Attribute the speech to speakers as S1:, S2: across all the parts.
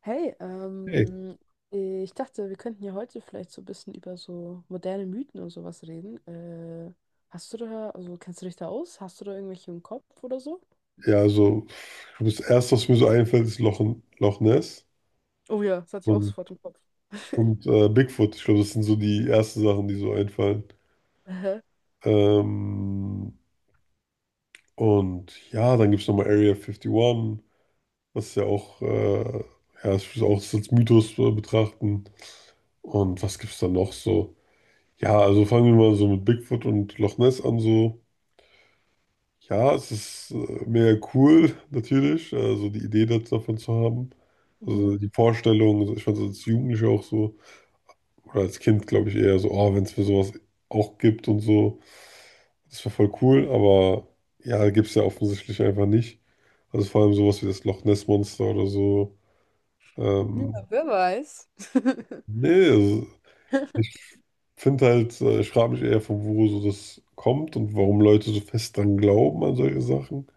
S1: Hey,
S2: Ey,
S1: ich dachte, wir könnten ja heute vielleicht so ein bisschen über so moderne Mythen und sowas reden. Hast du da, also kennst du dich da aus? Hast du da irgendwelche im Kopf oder so?
S2: ja, also ich glaube, das Erste, was mir so einfällt, ist Loch Ness
S1: Oh ja, das hatte ich auch
S2: und,
S1: sofort im Kopf.
S2: und Bigfoot. Ich glaube, das sind so die ersten Sachen, die so einfallen.
S1: Aha.
S2: Ähm, und ja, dann gibt es nochmal Area 51, was ja auch, ja, ich würde auch das als Mythos betrachten. Und was gibt es da noch so? Ja, also fangen wir mal so mit Bigfoot und Loch Ness an so. Ja, es ist mega cool, natürlich, also die Idee davon zu haben.
S1: Mhm.
S2: Also die Vorstellung, also ich fand es als Jugendlicher auch so, oder als Kind glaube ich eher so, oh, wenn es für sowas auch gibt und so, das wäre voll cool, aber ja, gibt es ja offensichtlich einfach nicht. Also vor allem sowas wie das Loch Ness Monster oder so.
S1: Ja,
S2: Ähm,
S1: wer weiß.
S2: Nee, also ich finde halt, ich frage mich eher, von wo so das kommt und warum Leute so fest dran glauben an solche Sachen.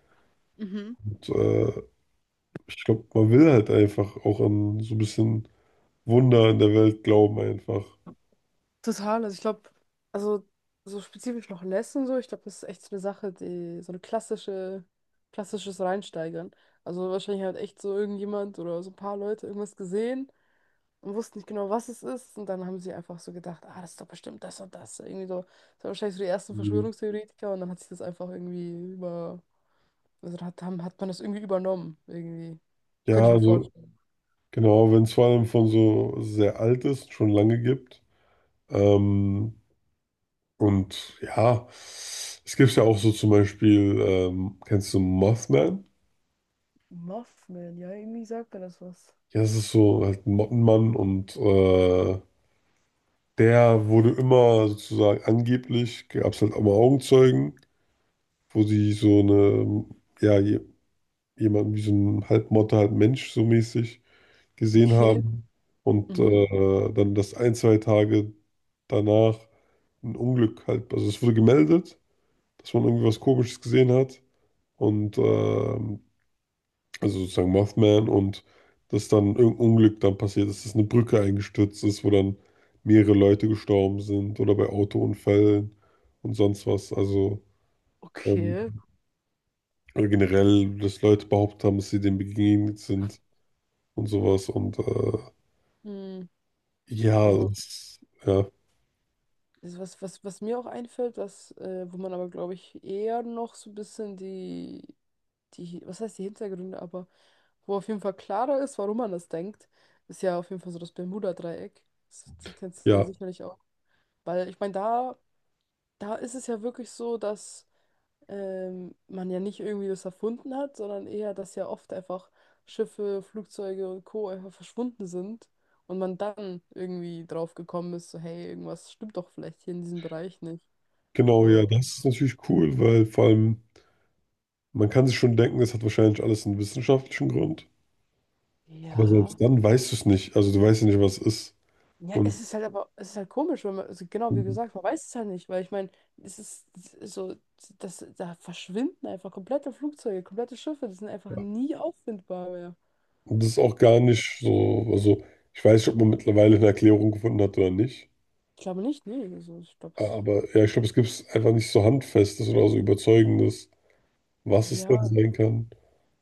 S1: Mhm.
S2: Und, äh, Ich glaube, man will halt einfach auch an so ein bisschen Wunder in der Welt glauben einfach.
S1: Total, also ich glaube, also so spezifisch noch Les und so, ich glaube, das ist echt so eine Sache, die so eine klassisches Reinsteigern. Also wahrscheinlich hat echt so irgendjemand oder so ein paar Leute irgendwas gesehen und wussten nicht genau, was es ist. Und dann haben sie einfach so gedacht, ah, das ist doch bestimmt das und das. Irgendwie so, das waren wahrscheinlich so die ersten
S2: Mhm.
S1: Verschwörungstheoretiker und dann hat sich das einfach irgendwie über, also hat, haben, hat man das irgendwie übernommen, irgendwie.
S2: Ja,
S1: Könnte ich mir
S2: also
S1: vorstellen.
S2: genau, wenn es vor allem von so sehr alt ist, schon lange gibt. Ähm, und ja, es gibt ja auch so zum Beispiel, kennst du Mothman?
S1: Muffman, ja, irgendwie sagt mir das was.
S2: Ja, es ist so halt ein Mottenmann und der wurde immer sozusagen angeblich, gab es halt auch mal Augenzeugen, wo sie so eine, ja, jemanden wie so einen Halbmotte, halb Mensch so mäßig gesehen
S1: Okay.
S2: haben und
S1: Mhm.
S2: dann das ein, zwei Tage danach ein Unglück halt, also es wurde gemeldet, dass man irgendwie was Komisches gesehen hat und also sozusagen Mothman und dass dann irgendein Unglück dann passiert ist, dass eine Brücke eingestürzt ist, wo dann mehrere Leute gestorben sind oder bei Autounfällen und sonst was, also ähm,
S1: Okay.
S2: oder generell, dass Leute behauptet haben, dass sie dem begegnet sind und sowas.
S1: Hm.
S2: Ja,
S1: Also
S2: das, ja,
S1: Also was, was mir auch einfällt, was, wo man aber, glaube ich, eher noch so ein bisschen die was heißt die Hintergründe, aber wo auf jeden Fall klarer ist, warum man das denkt, ist ja auf jeden Fall so das Bermuda-Dreieck. Das kennst du ja
S2: ja,
S1: sicherlich auch. Weil ich meine, da ist es ja wirklich so, dass man ja nicht irgendwie das erfunden hat, sondern eher, dass ja oft einfach Schiffe, Flugzeuge und Co. einfach verschwunden sind und man dann irgendwie drauf gekommen ist, so hey, irgendwas stimmt doch vielleicht hier in diesem Bereich nicht.
S2: genau, ja,
S1: So,
S2: das ist natürlich cool, weil vor allem, man kann sich schon denken, das hat wahrscheinlich alles einen wissenschaftlichen Grund. Aber
S1: ja.
S2: selbst dann weißt du es nicht. Also du weißt ja nicht, was es ist.
S1: Ja,
S2: Und
S1: es ist halt aber, es ist halt komisch, wenn man, also genau wie
S2: und
S1: gesagt, man weiß es halt nicht, weil ich meine, es ist so, das, da verschwinden einfach komplette Flugzeuge, komplette Schiffe, die sind einfach
S2: ja,
S1: nie auffindbar mehr.
S2: und das ist auch gar nicht so, also ich weiß nicht, ob man mittlerweile eine Erklärung gefunden hat oder nicht.
S1: Ich glaube nicht, nee, also ich glaube es.
S2: Aber ja, ich glaube, es gibt einfach nicht so Handfestes oder so Überzeugendes, was es dann
S1: Ja,
S2: sein kann.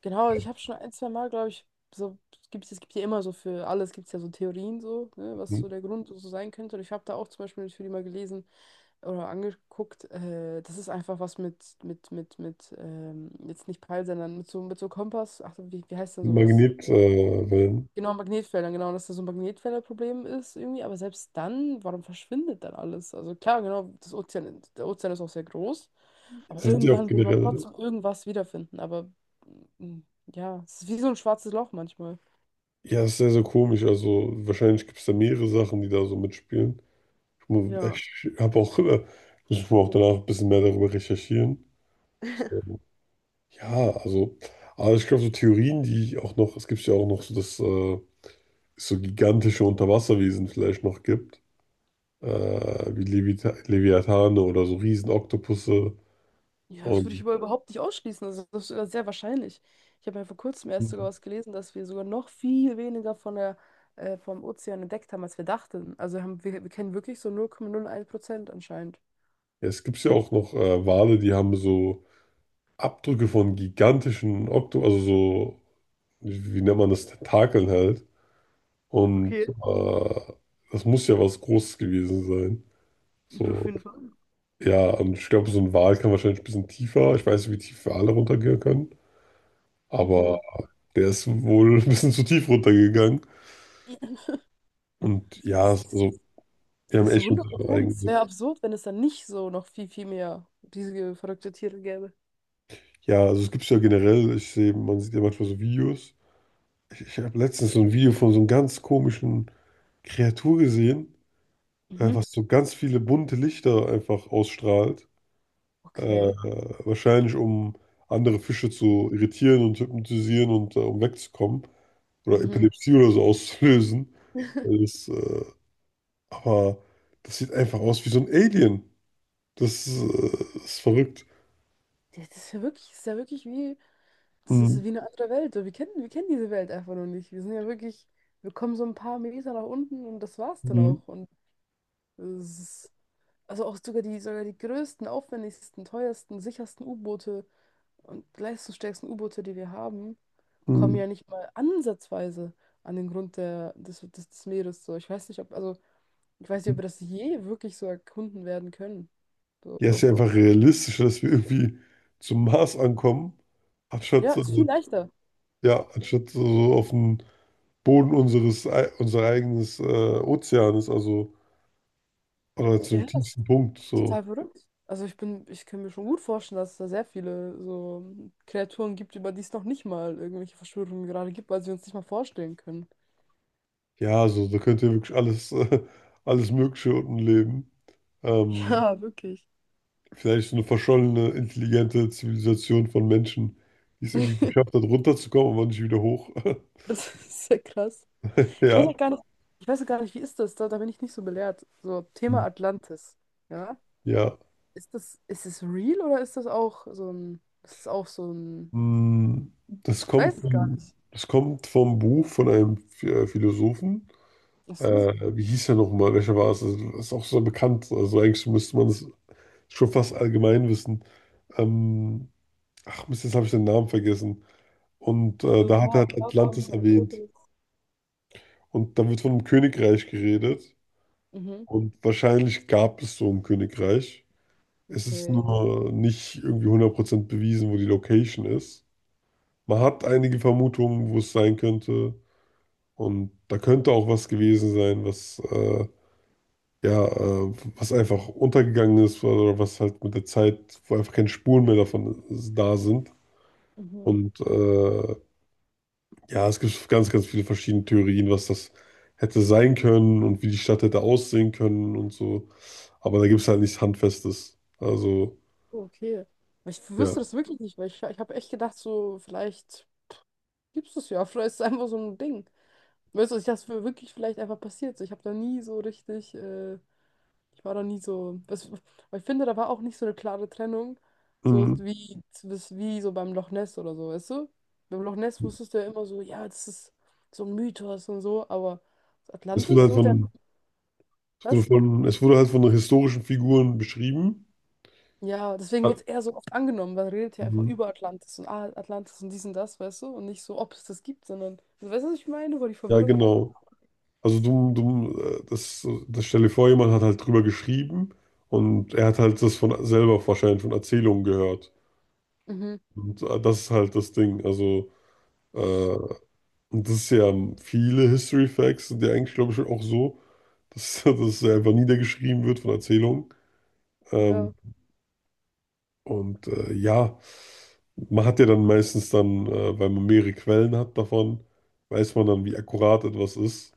S1: genau, also ich habe schon ein, zwei Mal, glaube ich, so, es gibt ja immer so für alles, gibt es ja so Theorien so, ne, was so der Grund so sein könnte. Und ich habe da auch zum Beispiel natürlich mal gelesen, oder angeguckt. Das ist einfach was mit, jetzt nicht Peil, sondern mit so Kompass. Ach, so, wie heißt denn sowas?
S2: Magnetwellen. Wellen.
S1: Genau, Magnetfeldern, genau, dass da so ein Magnetfelderproblem ist irgendwie. Aber selbst dann, warum verschwindet dann alles? Also klar, genau, das Ozean, der Ozean ist auch sehr groß.
S2: Das
S1: Aber
S2: sind ja auch
S1: irgendwann würde man
S2: generell
S1: trotzdem irgendwas wiederfinden. Aber mm, ja, es ist wie so ein schwarzes Loch manchmal.
S2: ja, ist sehr, sehr komisch. Also wahrscheinlich gibt es da mehrere Sachen, die da so mitspielen.
S1: Ja.
S2: Ich habe auch, ich muss auch danach ein bisschen mehr darüber recherchieren. So, ja, also, aber ich glaube, so Theorien, die auch noch, es gibt ja auch noch so, dass es so gigantische Unterwasserwesen vielleicht noch gibt, äh, wie Levita Leviathane oder so Riesenoktopusse.
S1: Ja, das würde ich
S2: Und
S1: aber überhaupt nicht ausschließen. Also, das ist sogar sehr wahrscheinlich. Ich habe ja vor kurzem erst sogar
S2: ja,
S1: was gelesen, dass wir sogar noch viel weniger von der, vom Ozean entdeckt haben, als wir dachten. Also haben, wir kennen wirklich so 0,01% anscheinend.
S2: es gibt ja auch noch Wale, die haben so Abdrücke von gigantischen Okto, also so, wie nennt man das, Tentakeln halt. Und
S1: Okay,
S2: das muss ja was Großes gewesen sein.
S1: auf
S2: So,
S1: jeden Fall.
S2: ja, und ich glaube, so ein Wal kann wahrscheinlich ein bisschen tiefer. Ich weiß nicht, wie tief Wale runtergehen können, aber
S1: Mhm.
S2: der ist wohl ein bisschen zu tief runtergegangen. Und ja,
S1: Das, das
S2: also, wir haben
S1: das ist so
S2: echt schon
S1: 100
S2: so ein
S1: Prozent. Es wäre
S2: eigenes.
S1: absurd, wenn es dann nicht so noch viel, viel mehr diese verrückte Tiere gäbe.
S2: Ja, also es gibt es ja generell, ich sehe, man sieht ja manchmal so Videos. Ich habe letztens so ein Video von so einem ganz komischen Kreatur gesehen,
S1: Mhm.
S2: was so ganz viele bunte Lichter einfach ausstrahlt. Äh,
S1: Okay.
S2: Wahrscheinlich um andere Fische zu irritieren und hypnotisieren und um wegzukommen. Oder
S1: Mhm.
S2: Epilepsie oder so auszulösen. Das, äh, aber das sieht einfach aus wie so ein Alien. Das, äh, Ist verrückt.
S1: Ja, das ist ja wirklich, das ist ja wirklich wie, das ist
S2: Mhm.
S1: wie eine andere Welt. So wir kennen diese Welt einfach noch nicht. Wir sind ja wirklich, wir kommen so ein paar Meter nach unten und das war's dann
S2: Mhm.
S1: auch. Und es ist, also auch sogar die größten, aufwendigsten, teuersten, sichersten U-Boote und leistungsstärksten U-Boote, die wir haben, kommen
S2: Mhm.
S1: ja nicht mal ansatzweise an den Grund des Meeres. So, ich weiß nicht, ob, also, ich weiß nicht, ob wir das je wirklich so erkunden werden können.
S2: Ja, ist
S1: So.
S2: ja einfach realistisch, dass wir irgendwie zum Mars ankommen,
S1: Ja,
S2: anstatt,
S1: ist viel leichter.
S2: ja,
S1: Ja.
S2: anstatt so auf dem Boden unseres, unser eigenes Ozeans, also oder
S1: Ja,
S2: zum
S1: das
S2: tiefsten Punkt.
S1: ist
S2: So.
S1: total verrückt. Also ich bin, ich kann mir schon gut vorstellen, dass es da sehr viele so Kreaturen gibt, über die es noch nicht mal irgendwelche Verschwörungen gerade gibt, weil sie uns nicht mal vorstellen können.
S2: Ja, also da könnt ihr wirklich alles, alles Mögliche unten leben. Ähm,
S1: Ja, wirklich.
S2: Vielleicht so eine verschollene, intelligente Zivilisation von Menschen, die es irgendwie geschafft hat, runterzukommen, aber nicht wieder hoch.
S1: Das ist sehr krass. Ich weiß
S2: Ja,
S1: auch gar nicht, ich weiß auch gar nicht, wie ist das? Da bin ich nicht so belehrt. So, Thema Atlantis. Ja?
S2: ja.
S1: Ist das, ist es real oder ist das auch so ein, das ist auch so ein,
S2: Hm,
S1: ich weiß es gar nicht.
S2: das kommt vom Buch von einem Philosophen.
S1: Ach so.
S2: Wie hieß er nochmal? Welcher war es? Also, das ist auch so bekannt. Also eigentlich müsste man es schon fast allgemein wissen. Ähm, Ach Mist, jetzt habe ich den Namen vergessen. Und
S1: Für ein
S2: da hat er
S1: paar
S2: halt
S1: Platon
S2: Atlantis
S1: oder
S2: erwähnt.
S1: Fotos.
S2: Und da wird von einem Königreich geredet.
S1: Mhm.
S2: Und wahrscheinlich gab es so ein Königreich. Es ist
S1: Okay.
S2: nur nicht irgendwie hundert Prozent bewiesen, wo die Location ist. Man hat einige Vermutungen, wo es sein könnte. Und da könnte auch was gewesen sein, was, ja, was einfach untergegangen ist oder was halt mit der Zeit, wo einfach keine Spuren mehr davon da sind.
S1: Mhm.
S2: Und äh, Ja, es gibt ganz, ganz viele verschiedene Theorien, was das hätte sein können und wie die Stadt hätte aussehen können und so. Aber da gibt es halt nichts Handfestes. Also,
S1: Okay. Aber ich
S2: ja.
S1: wusste das wirklich nicht, weil ich habe echt gedacht, so, vielleicht gibt es das ja, vielleicht ist es einfach so ein Ding. Weißt du, ich dachte, es wäre wirklich vielleicht einfach passiert. So, ich habe da nie so richtig, ich war da nie so. Das, aber ich finde, da war auch nicht so eine klare Trennung, so
S2: Mhm.
S1: wie, das- wie so beim Loch Ness oder so, weißt du? Beim Loch Ness wusstest du ja immer so, ja, das ist so ein Mythos und so, aber
S2: Es wurde
S1: Atlantis,
S2: halt
S1: so der,
S2: von,
S1: was?
S2: es wurde halt von historischen Figuren beschrieben.
S1: Ja, deswegen
S2: Hat-
S1: wurde es eher so oft angenommen, weil man redet ja einfach
S2: Mhm.
S1: über Atlantis und ah, Atlantis und dies und das, weißt du? Und nicht so, ob es das gibt, sondern, also, weißt du, was ich meine, wo die
S2: Ja,
S1: Verwirrung herkommt?
S2: genau. Also das stell dir vor, jemand hat halt drüber geschrieben und er hat halt das von selber wahrscheinlich von Erzählungen gehört.
S1: Mhm.
S2: Und das ist halt das Ding. Äh, Und das ist ja viele History Facts sind ja eigentlich, glaube ich, auch so, dass, das einfach niedergeschrieben wird von Erzählungen.
S1: Ja.
S2: Ähm, ja, man hat ja dann meistens dann, weil man mehrere Quellen hat davon, weiß man dann, wie akkurat etwas ist.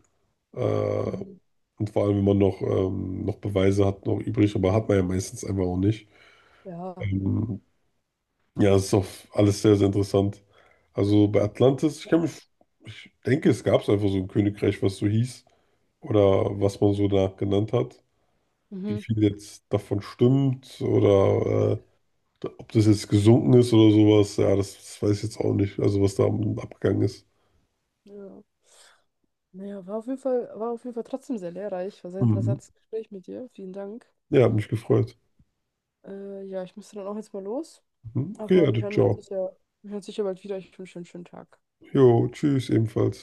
S2: Äh,
S1: Mhm.
S2: und vor allem, wenn man noch, noch Beweise hat, noch übrig, aber hat man ja meistens einfach auch nicht.
S1: Ja.
S2: Ähm, ja, es ist auch alles sehr, sehr interessant. Also bei Atlantis, ich denke, es gab es einfach so ein Königreich, was so hieß oder was man so da genannt hat, wie
S1: Mhm.
S2: viel jetzt davon stimmt oder ob das jetzt gesunken ist oder sowas, ja, das, das weiß ich jetzt auch nicht, also was da abgegangen ist.
S1: Ja. Naja, war auf jeden Fall, war auf jeden Fall trotzdem sehr lehrreich. War sehr
S2: Mhm.
S1: interessantes Gespräch mit dir. Vielen Dank.
S2: Ja, hat mich gefreut.
S1: Ja, ich müsste dann auch jetzt mal los.
S2: Mhm. Okay,
S1: Aber
S2: ja,
S1: wir hören uns
S2: ciao.
S1: sicher, wir hören uns sicher bald wieder. Ich wünsche dir einen schönen Tag.
S2: Jo, tschüss ebenfalls.